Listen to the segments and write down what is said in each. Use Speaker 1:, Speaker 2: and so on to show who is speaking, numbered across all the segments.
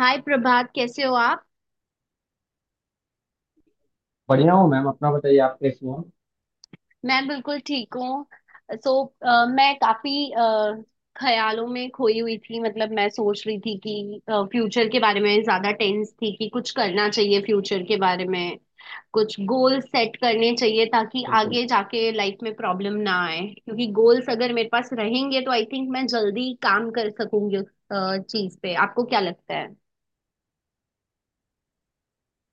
Speaker 1: हाय प्रभात, कैसे हो आप?
Speaker 2: बढ़िया हूँ मैम। अपना बताइए, आप कैसे हो।
Speaker 1: मैं बिल्कुल ठीक हूँ। सो मैं काफी ख्यालों में खोई हुई थी। मतलब मैं सोच रही थी कि फ्यूचर के बारे में ज्यादा टेंस थी कि कुछ करना चाहिए फ्यूचर के बारे में, कुछ गोल सेट करने चाहिए ताकि
Speaker 2: बिल्कुल,
Speaker 1: आगे जाके लाइफ में प्रॉब्लम ना आए, क्योंकि गोल्स अगर मेरे पास रहेंगे तो आई थिंक मैं जल्दी काम कर सकूंगी। उस चीज पे आपको क्या लगता है?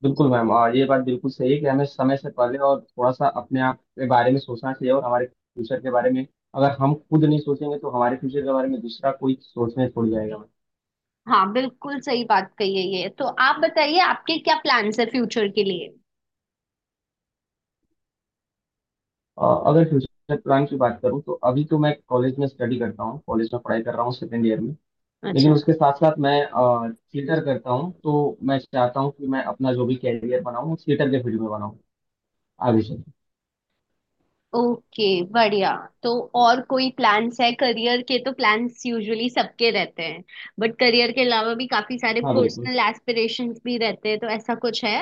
Speaker 2: बिल्कुल मैम। और ये बात बिल्कुल सही है कि हमें समय से पहले और थोड़ा सा अपने आप के बारे में सोचना चाहिए और हमारे फ्यूचर के बारे में। अगर हम खुद नहीं सोचेंगे तो हमारे फ्यूचर के बारे में दूसरा कोई सोचने छोड़ जाएगा।
Speaker 1: हाँ बिल्कुल सही बात कही है, ये तो आप बताइए आपके क्या प्लान्स है फ्यूचर के लिए?
Speaker 2: और अगर फ्यूचर प्लान की बात करूँ तो अभी तो मैं कॉलेज में स्टडी करता हूँ, कॉलेज में पढ़ाई कर रहा हूँ सेकेंड ईयर में। लेकिन
Speaker 1: अच्छा।
Speaker 2: उसके साथ साथ मैं थिएटर करता हूँ, तो मैं चाहता हूँ कि मैं अपना जो भी कैरियर बनाऊँ थिएटर के फील्ड में बनाऊँ आगे चल।
Speaker 1: ओके, बढ़िया। तो और कोई प्लान्स है करियर के? तो प्लान्स यूजुअली सबके रहते हैं, बट करियर के अलावा भी काफी सारे
Speaker 2: हाँ बिल्कुल।
Speaker 1: पर्सनल एस्पिरेशंस भी रहते हैं, तो ऐसा कुछ है?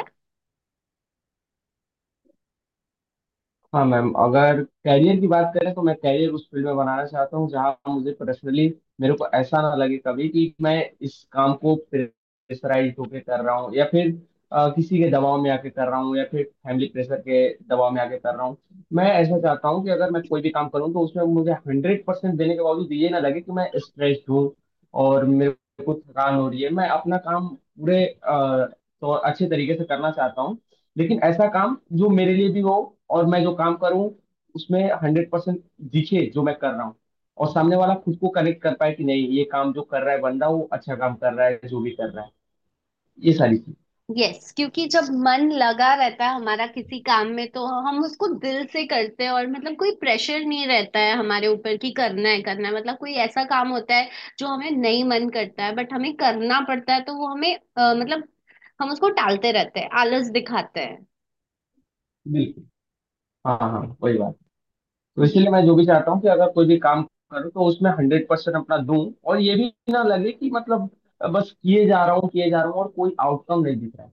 Speaker 2: हाँ मैम, अगर कैरियर की बात करें तो मैं कैरियर उस फील्ड में बनाना चाहता हूँ जहाँ मुझे पर्सनली मेरे को ऐसा ना लगे कभी कि मैं इस काम को प्रेशराइज होके कर रहा हूँ या फिर किसी के दबाव में आके कर रहा हूँ या फिर फैमिली प्रेशर के दबाव में आके कर रहा हूँ। मैं ऐसा चाहता हूँ कि अगर मैं कोई भी काम करूँ तो उसमें मुझे हंड्रेड परसेंट देने के बावजूद ये ना लगे कि मैं स्ट्रेस्ड हूँ और मेरे को थकान हो रही है। मैं अपना काम पूरे तो अच्छे तरीके से करना चाहता हूँ, लेकिन ऐसा काम जो मेरे लिए भी हो और मैं जो काम करूं उसमें हंड्रेड परसेंट दिखे जो मैं कर रहा हूं, और सामने वाला खुद को कनेक्ट कर पाए कि नहीं ये काम जो कर रहा है बंदा वो अच्छा काम कर रहा है जो भी कर रहा है, ये सारी चीज।
Speaker 1: यस, क्योंकि जब मन लगा रहता है हमारा किसी काम में तो हम उसको दिल से करते हैं, और मतलब कोई प्रेशर नहीं रहता है हमारे ऊपर कि करना है करना है। मतलब कोई ऐसा काम होता है जो हमें नहीं मन करता है बट हमें करना पड़ता है तो वो हमें मतलब हम उसको टालते रहते हैं, आलस दिखाते हैं।
Speaker 2: बिल्कुल। हाँ हाँ हाँ, वही बात। तो इसीलिए मैं जो भी चाहता हूँ कि अगर कोई भी काम करूँ तो उसमें हंड्रेड परसेंट अपना दूं, और ये भी ना लगे कि मतलब बस किए जा रहा हूँ किए जा रहा हूँ और कोई आउटकम नहीं दिख रहा है।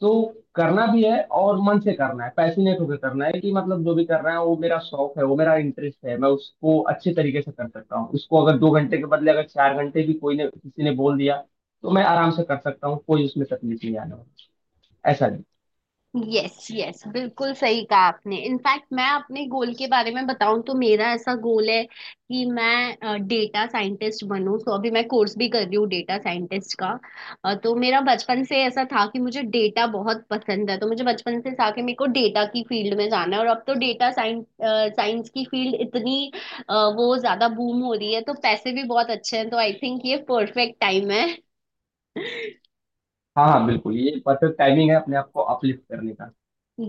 Speaker 2: तो करना भी है और मन से करना है, पैशनेट होकर करना है कि मतलब जो भी कर रहा है वो मेरा शौक है वो मेरा इंटरेस्ट है। मैं उसको अच्छे तरीके से कर सकता हूँ, उसको अगर दो घंटे के बदले अगर चार घंटे भी कोई ने किसी ने बोल दिया तो मैं आराम से कर सकता हूँ, कोई उसमें तकलीफ नहीं आने वाली, ऐसा नहीं।
Speaker 1: यस यस बिल्कुल सही कहा आपने। इनफैक्ट मैं अपने गोल के बारे में बताऊं तो मेरा ऐसा गोल है कि मैं डेटा साइंटिस्ट बनूं, तो अभी मैं कोर्स भी कर रही हूँ डेटा साइंटिस्ट का। तो मेरा बचपन से ऐसा था कि मुझे डेटा बहुत पसंद है, तो मुझे बचपन से था कि मेरे को डेटा की फील्ड में जाना है। और अब तो डेटा साइंस साइंस की फील्ड इतनी वो ज्यादा बूम हो रही है, तो पैसे भी बहुत अच्छे हैं तो आई थिंक ये परफेक्ट टाइम है।
Speaker 2: हाँ हाँ बिल्कुल, ये परफेक्ट टाइमिंग है अपने आप को अपलिफ्ट करने का।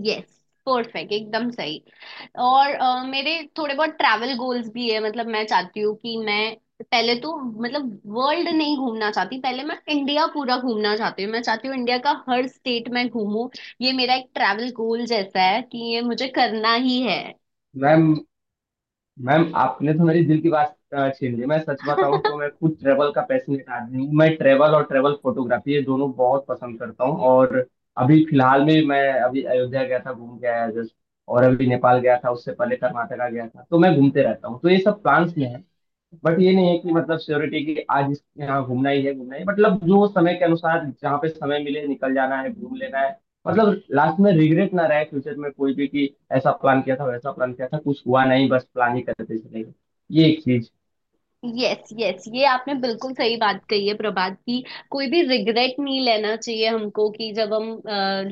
Speaker 1: यस, परफेक्ट, एकदम सही। और मेरे थोड़े बहुत ट्रैवल गोल्स भी है। मतलब मैं चाहती हूँ कि मैं पहले तो, मतलब, वर्ल्ड नहीं घूमना चाहती, पहले मैं इंडिया पूरा घूमना चाहती हूँ। मैं चाहती हूँ इंडिया का हर स्टेट मैं घूमूं, ये मेरा एक ट्रैवल गोल जैसा है कि ये मुझे करना ही है।
Speaker 2: मैम मैम आपने तो मेरी दिल की बात छीन ली। मैं सच बताऊं तो मैं खुद ट्रेवल का पैशनेट आदमी हूँ। मैं ट्रेवल और ट्रेवल फोटोग्राफी ये दोनों बहुत पसंद करता हूँ। और अभी फिलहाल में मैं अभी अयोध्या गया था, घूम के आया जस्ट। और अभी नेपाल गया था, उससे पहले कर्नाटका गया था। तो मैं घूमते रहता हूँ, तो ये सब प्लान्स में है। बट ये नहीं है कि मतलब श्योरिटी कि आज यहाँ घूमना ही है घूमना ही है। मतलब जो समय के अनुसार जहाँ पे समय मिले निकल जाना है, घूम लेना है। मतलब लास्ट में रिग्रेट ना रहे फ्यूचर में कोई भी कि ऐसा प्लान किया था वैसा प्लान किया था, कुछ हुआ नहीं, बस प्लान ही करते चले गए, ये एक चीज।
Speaker 1: यस यस, ये आपने बिल्कुल सही बात कही है प्रभात की। कोई भी रिग्रेट नहीं लेना चाहिए हमको कि जब हम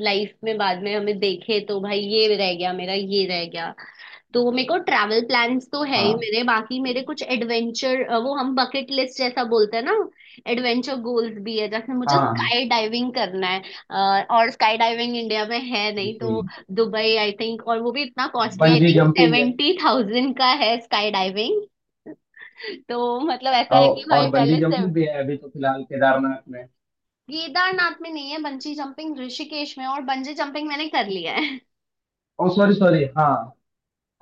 Speaker 1: लाइफ में बाद में हमें देखे तो भाई ये रह गया मेरा, ये रह गया। तो मेरे को ट्रैवल प्लान्स तो है ही
Speaker 2: हाँ
Speaker 1: मेरे, बाकी मेरे कुछ एडवेंचर, वो हम बकेट लिस्ट जैसा बोलते हैं ना, एडवेंचर गोल्स भी है। जैसे मुझे
Speaker 2: हाँ
Speaker 1: स्काई डाइविंग करना है। और स्काई डाइविंग इंडिया में है नहीं,
Speaker 2: बिल्कुल।
Speaker 1: तो दुबई आई थिंक, और वो भी इतना costly, I
Speaker 2: bungee
Speaker 1: think
Speaker 2: jumping है।
Speaker 1: 70,000 का है स्काई डाइविंग। तो मतलब ऐसा है कि
Speaker 2: और,
Speaker 1: भाई
Speaker 2: और बंजी
Speaker 1: पहले से।
Speaker 2: जंपिंग भी है, अभी तो फिलहाल केदारनाथ में।
Speaker 1: केदारनाथ में नहीं है बंजी जंपिंग, ऋषिकेश में, और बंजी जंपिंग मैंने कर लिया है।
Speaker 2: ओ सॉरी सॉरी, हाँ।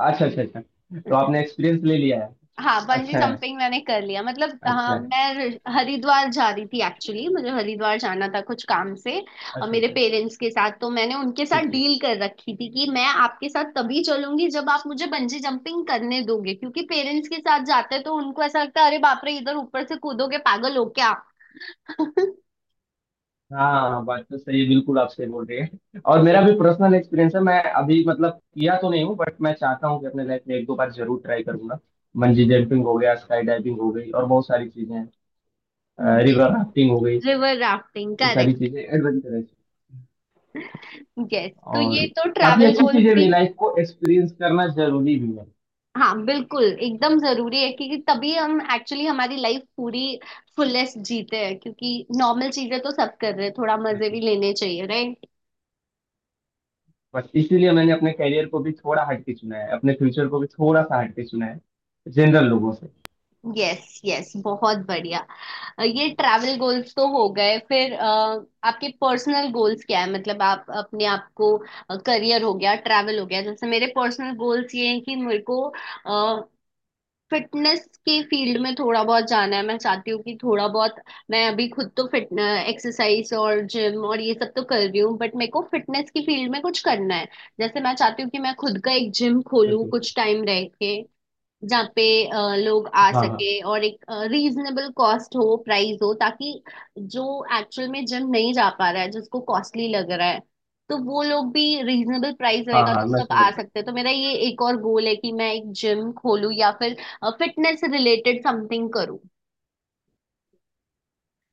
Speaker 2: अच्छा अच्छा अच्छा, तो आपने एक्सपीरियंस ले लिया है।
Speaker 1: हाँ बंजी
Speaker 2: अच्छा है,
Speaker 1: जंपिंग मैंने कर लिया, मतलब
Speaker 2: अच्छा
Speaker 1: हाँ,
Speaker 2: है।
Speaker 1: मैं हरिद्वार जा रही थी, एक्चुअली मुझे हरिद्वार जाना था कुछ काम से। और
Speaker 2: अच्छा
Speaker 1: मेरे
Speaker 2: अच्छा।
Speaker 1: पेरेंट्स के साथ, तो मैंने उनके साथ
Speaker 2: ठीक ठीक।
Speaker 1: डील कर रखी थी कि मैं आपके साथ तभी चलूंगी जब आप मुझे बंजी जंपिंग करने दोगे, क्योंकि पेरेंट्स के साथ जाते तो उनको ऐसा लगता है अरे बाप रे इधर ऊपर से कूदोगे, पागल हो क्या?
Speaker 2: हाँ हाँ, हाँ, बात तो सही है बिल्कुल, आप सही बोल रही है। और मेरा भी पर्सनल एक्सपीरियंस है, मैं अभी मतलब किया तो नहीं हूँ बट मैं चाहता हूँ कि अपने लाइफ में एक दो बार जरूर ट्राई करूंगा। बंजी जंपिंग हो गया, स्काई डाइविंग हो गई, और बहुत सारी चीजें हैं, रिवर राफ्टिंग हो गई,
Speaker 1: रिवर राफ्टिंग,
Speaker 2: ये सारी
Speaker 1: करेक्ट।
Speaker 2: चीजें एडवेंचरस
Speaker 1: यस, तो ये
Speaker 2: और
Speaker 1: तो
Speaker 2: काफी
Speaker 1: ट्रैवल
Speaker 2: अच्छी
Speaker 1: गोल्स
Speaker 2: चीजें
Speaker 1: भी।
Speaker 2: भी। लाइफ को एक्सपीरियंस करना जरूरी भी है।
Speaker 1: हाँ बिल्कुल एकदम जरूरी है, क्योंकि तभी हम एक्चुअली हमारी लाइफ पूरी फुलेस्ट जीते हैं, क्योंकि नॉर्मल चीजें तो सब कर रहे हैं, थोड़ा मजे भी
Speaker 2: बिल्कुल,
Speaker 1: लेने चाहिए, राइट?
Speaker 2: बस इसीलिए मैंने अपने करियर को भी थोड़ा हटके चुना है, अपने फ्यूचर को भी थोड़ा सा हटके चुना है, जनरल लोगों से।
Speaker 1: यस यस, बहुत बढ़िया। ये ट्रैवल गोल्स तो हो गए, फिर आपके पर्सनल गोल्स क्या है? मतलब आप अपने आप को, करियर हो गया, ट्रैवल हो गया, जैसे मेरे पर्सनल गोल्स ये हैं कि मेरे को फिटनेस के फील्ड में थोड़ा बहुत जाना है। मैं चाहती हूँ कि थोड़ा बहुत, मैं अभी खुद तो फिट, एक्सरसाइज और जिम और ये सब तो कर रही हूँ, बट मेरे को फिटनेस की फील्ड में कुछ करना है। जैसे मैं चाहती हूँ कि मैं खुद का एक जिम खोलूँ
Speaker 2: बिल्कुल।
Speaker 1: कुछ टाइम रह के, जहाँ पे लोग आ
Speaker 2: हाँ हाँ।
Speaker 1: सके, और एक रीजनेबल कॉस्ट हो, प्राइस हो, ताकि जो एक्चुअल में जिम नहीं जा पा रहा है, जिसको कॉस्टली लग रहा है, तो वो लोग भी, रीजनेबल प्राइस
Speaker 2: हाँ
Speaker 1: रहेगा
Speaker 2: हाँ
Speaker 1: तो
Speaker 2: मैं
Speaker 1: सब
Speaker 2: समझ
Speaker 1: आ
Speaker 2: रहा हूँ।
Speaker 1: सकते हैं। तो मेरा ये एक और गोल है कि मैं एक जिम खोलूँ या फिर फिटनेस रिलेटेड समथिंग करूँ।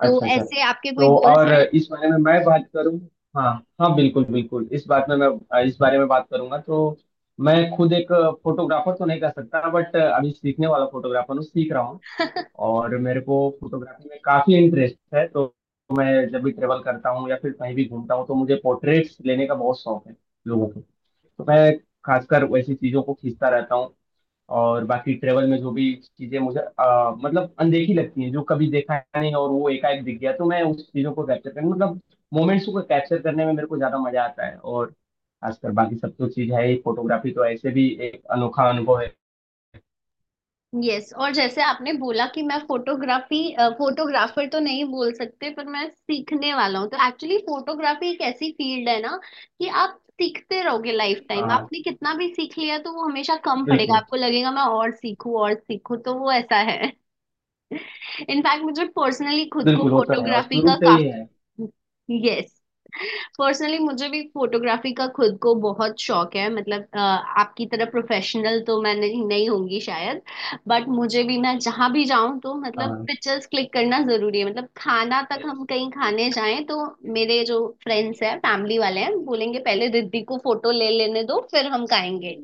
Speaker 1: तो
Speaker 2: अच्छा अच्छा।
Speaker 1: ऐसे आपके कोई
Speaker 2: तो
Speaker 1: गोल्स
Speaker 2: और
Speaker 1: हैं?
Speaker 2: इस बारे में मैं बात करूं। हाँ। हाँ बिल्कुल बिल्कुल, इस बात में मैं इस बारे में बात करूंगा तो मैं खुद एक फोटोग्राफर तो नहीं कर सकता बट अभी सीखने वाला फोटोग्राफर हूँ, सीख रहा हूँ, और मेरे को फोटोग्राफी में काफी इंटरेस्ट है। तो मैं जब भी ट्रेवल करता हूँ या फिर कहीं भी घूमता हूँ तो मुझे पोर्ट्रेट्स लेने का बहुत शौक है लोगों को। तो मैं खासकर वैसी चीजों को खींचता रहता हूँ। और बाकी ट्रेवल में जो भी चीजें मुझे मतलब अनदेखी लगती हैं, जो कभी देखा नहीं और वो एकाएक दिख गया, तो मैं उस चीजों को कैप्चर करने मतलब मोमेंट्स को कैप्चर करने में मेरे को ज्यादा मजा आता है। और खासकर बाकी सब तो चीज है ही, फोटोग्राफी तो ऐसे भी एक अनोखा अनुभव है।
Speaker 1: यस, और जैसे आपने बोला कि मैं फोटोग्राफी, फोटोग्राफर तो नहीं बोल सकते पर मैं सीखने वाला हूँ, तो एक्चुअली फोटोग्राफी एक ऐसी फील्ड है ना कि आप सीखते रहोगे लाइफ
Speaker 2: हाँ
Speaker 1: टाइम।
Speaker 2: हाँ,
Speaker 1: आपने कितना भी सीख लिया तो वो हमेशा कम पड़ेगा,
Speaker 2: बिल्कुल
Speaker 1: आपको लगेगा मैं और सीखूं और सीखूं, तो वो ऐसा है। इनफैक्ट मुझे पर्सनली खुद को
Speaker 2: बिल्कुल होता है, और
Speaker 1: फोटोग्राफी का
Speaker 2: शुरू से ही है।
Speaker 1: काफी, यस, पर्सनली मुझे भी फोटोग्राफी का खुद को बहुत शौक है। मतलब आपकी तरह प्रोफेशनल तो मैं नहीं, नहीं होंगी शायद, बट मुझे भी, मैं जहां भी जाऊं तो
Speaker 2: हाँ
Speaker 1: मतलब
Speaker 2: हाँ।
Speaker 1: पिक्चर्स क्लिक करना जरूरी है। मतलब खाना तक, हम कहीं खाने जाएं तो मेरे जो फ्रेंड्स हैं फैमिली वाले हैं बोलेंगे पहले रिद्धि को फोटो ले लेने दो फिर हम खाएंगे।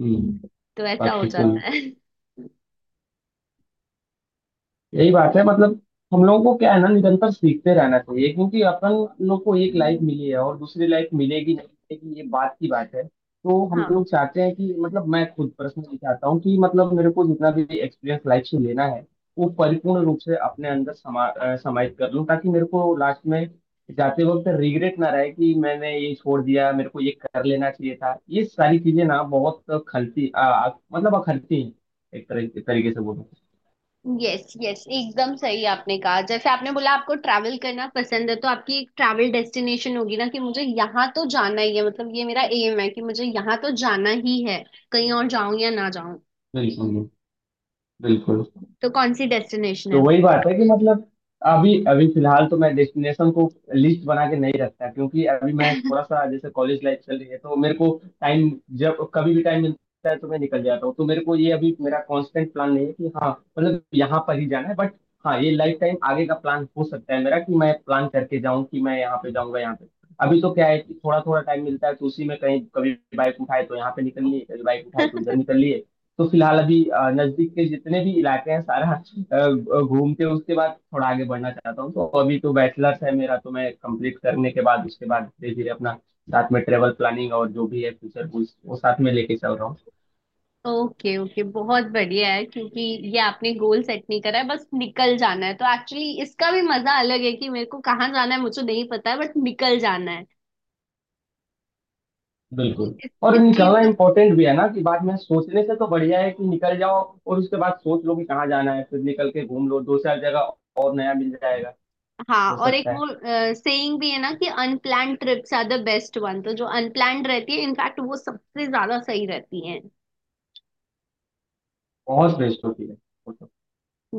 Speaker 2: हम्म।
Speaker 1: तो ऐसा हो
Speaker 2: बाकी तो
Speaker 1: जाता है।
Speaker 2: यही बात है, मतलब हम लोगों को क्या है ना निरंतर सीखते रहना चाहिए क्योंकि अपन लोग को एक लाइफ मिली है और दूसरी लाइफ मिलेगी नहीं मिलेगी ये बात की बात है। तो हम
Speaker 1: हाँ।
Speaker 2: लोग चाहते हैं कि मतलब मैं खुद पर्सनली चाहता हूँ कि मतलब मेरे को जितना भी एक्सपीरियंस लाइफ से लेना है वो परिपूर्ण रूप से अपने अंदर समाहित कर लूँ, ताकि मेरे को लास्ट में जाते वक्त रिग्रेट ना रहे कि मैंने ये छोड़ दिया, मेरे को ये कर लेना चाहिए था। ये सारी चीजें ना बहुत खलती मतलब अखरती हैं, एक तरह तरीके से बोलूँ।
Speaker 1: यस यस एकदम सही आपने कहा, जैसे आपने बोला आपको ट्रैवल करना पसंद है तो आपकी एक ट्रैवल डेस्टिनेशन होगी ना कि मुझे यहाँ तो जाना ही है, मतलब ये मेरा एम है कि मुझे यहाँ तो जाना ही है, कहीं और जाऊं या ना जाऊं।
Speaker 2: बिल्कुल, बिल्कुल।
Speaker 1: तो कौन सी डेस्टिनेशन है
Speaker 2: तो
Speaker 1: वो?
Speaker 2: वही बात है कि मतलब अभी अभी फिलहाल तो मैं डेस्टिनेशन को लिस्ट बना के नहीं रखता, क्योंकि अभी मैं थोड़ा सा जैसे कॉलेज लाइफ चल रही है तो मेरे को टाइम, जब कभी भी टाइम मिलता है तो मैं निकल जाता हूँ। तो मेरे को ये अभी मेरा कांस्टेंट प्लान नहीं है कि हाँ मतलब यहाँ पर ही जाना है, बट हाँ ये लाइफ टाइम आगे का प्लान हो सकता है मेरा कि मैं प्लान करके जाऊँ कि मैं यहाँ पे जाऊँगा यहाँ पे। अभी तो क्या है कि थोड़ा थोड़ा टाइम मिलता है तो उसी में कहीं कभी बाइक उठाए तो यहाँ पे निकल लिए, कभी बाइक उठाए तो इधर निकल लिए। तो फिलहाल अभी नजदीक के जितने भी इलाके हैं सारा अ, घूम के उसके बाद थोड़ा आगे बढ़ना चाहता हूँ। तो अभी तो बैचलर्स है मेरा, तो मैं कंप्लीट करने के बाद उसके बाद धीरे धीरे अपना साथ में ट्रेवल प्लानिंग और जो भी है फ्यूचर गोल्स वो साथ में लेके चल रहा हूँ।
Speaker 1: ओके ओके, बहुत बढ़िया है, क्योंकि ये आपने गोल सेट नहीं करा है, बस निकल जाना है, तो एक्चुअली इसका भी मजा अलग है कि मेरे को कहाँ जाना है मुझे नहीं पता है बट निकल जाना है।
Speaker 2: बिल्कुल,
Speaker 1: इस
Speaker 2: और
Speaker 1: इस चीज
Speaker 2: निकलना
Speaker 1: का,
Speaker 2: इम्पोर्टेंट भी है ना कि बाद में सोचने से तो बढ़िया है कि निकल जाओ, और उसके बाद सोच लो कि कहाँ जाना है, फिर निकल के घूम लो दो चार जगह, और नया मिल जाएगा,
Speaker 1: हाँ।
Speaker 2: हो
Speaker 1: और एक
Speaker 2: सकता है।
Speaker 1: वो सेइंग भी है ना कि unplanned trips are the best one, तो जो अनप्लान्ड रहती है इनफैक्ट वो सबसे ज्यादा सही रहती है।
Speaker 2: बहुत बेस्ट होती है।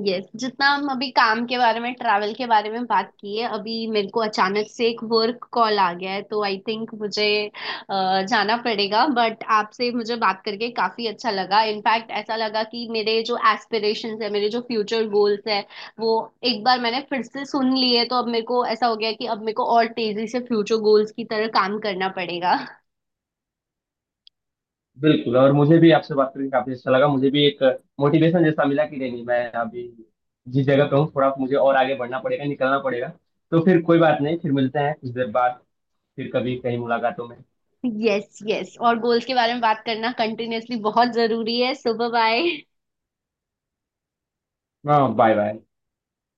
Speaker 1: यस, जितना हम अभी काम के बारे में, ट्रैवल के बारे में बात की है, अभी मेरे को अचानक से एक वर्क कॉल आ गया है तो आई थिंक मुझे जाना पड़ेगा। बट आपसे मुझे बात करके काफी अच्छा लगा, इनफैक्ट ऐसा लगा कि मेरे जो एस्पिरेशंस है, मेरे जो फ्यूचर गोल्स है वो एक बार मैंने फिर से सुन लिए, तो अब मेरे को ऐसा हो गया कि अब मेरे को और तेजी से फ्यूचर गोल्स की तरह काम करना पड़ेगा।
Speaker 2: बिल्कुल, और मुझे भी आपसे बात करके काफी अच्छा लगा, मुझे भी एक मोटिवेशन जैसा मिला कि नहीं नहीं मैं अभी जिस जगह पे हूँ थोड़ा मुझे और आगे बढ़ना पड़ेगा, निकलना पड़ेगा। तो फिर कोई बात नहीं, फिर मिलते हैं कुछ देर बाद, फिर कभी कहीं मुलाकातों में।
Speaker 1: यस यस, और गोल्स के बारे में बात करना कंटिन्यूअसली बहुत जरूरी है। सुबह बाय।
Speaker 2: हाँ बाय बाय।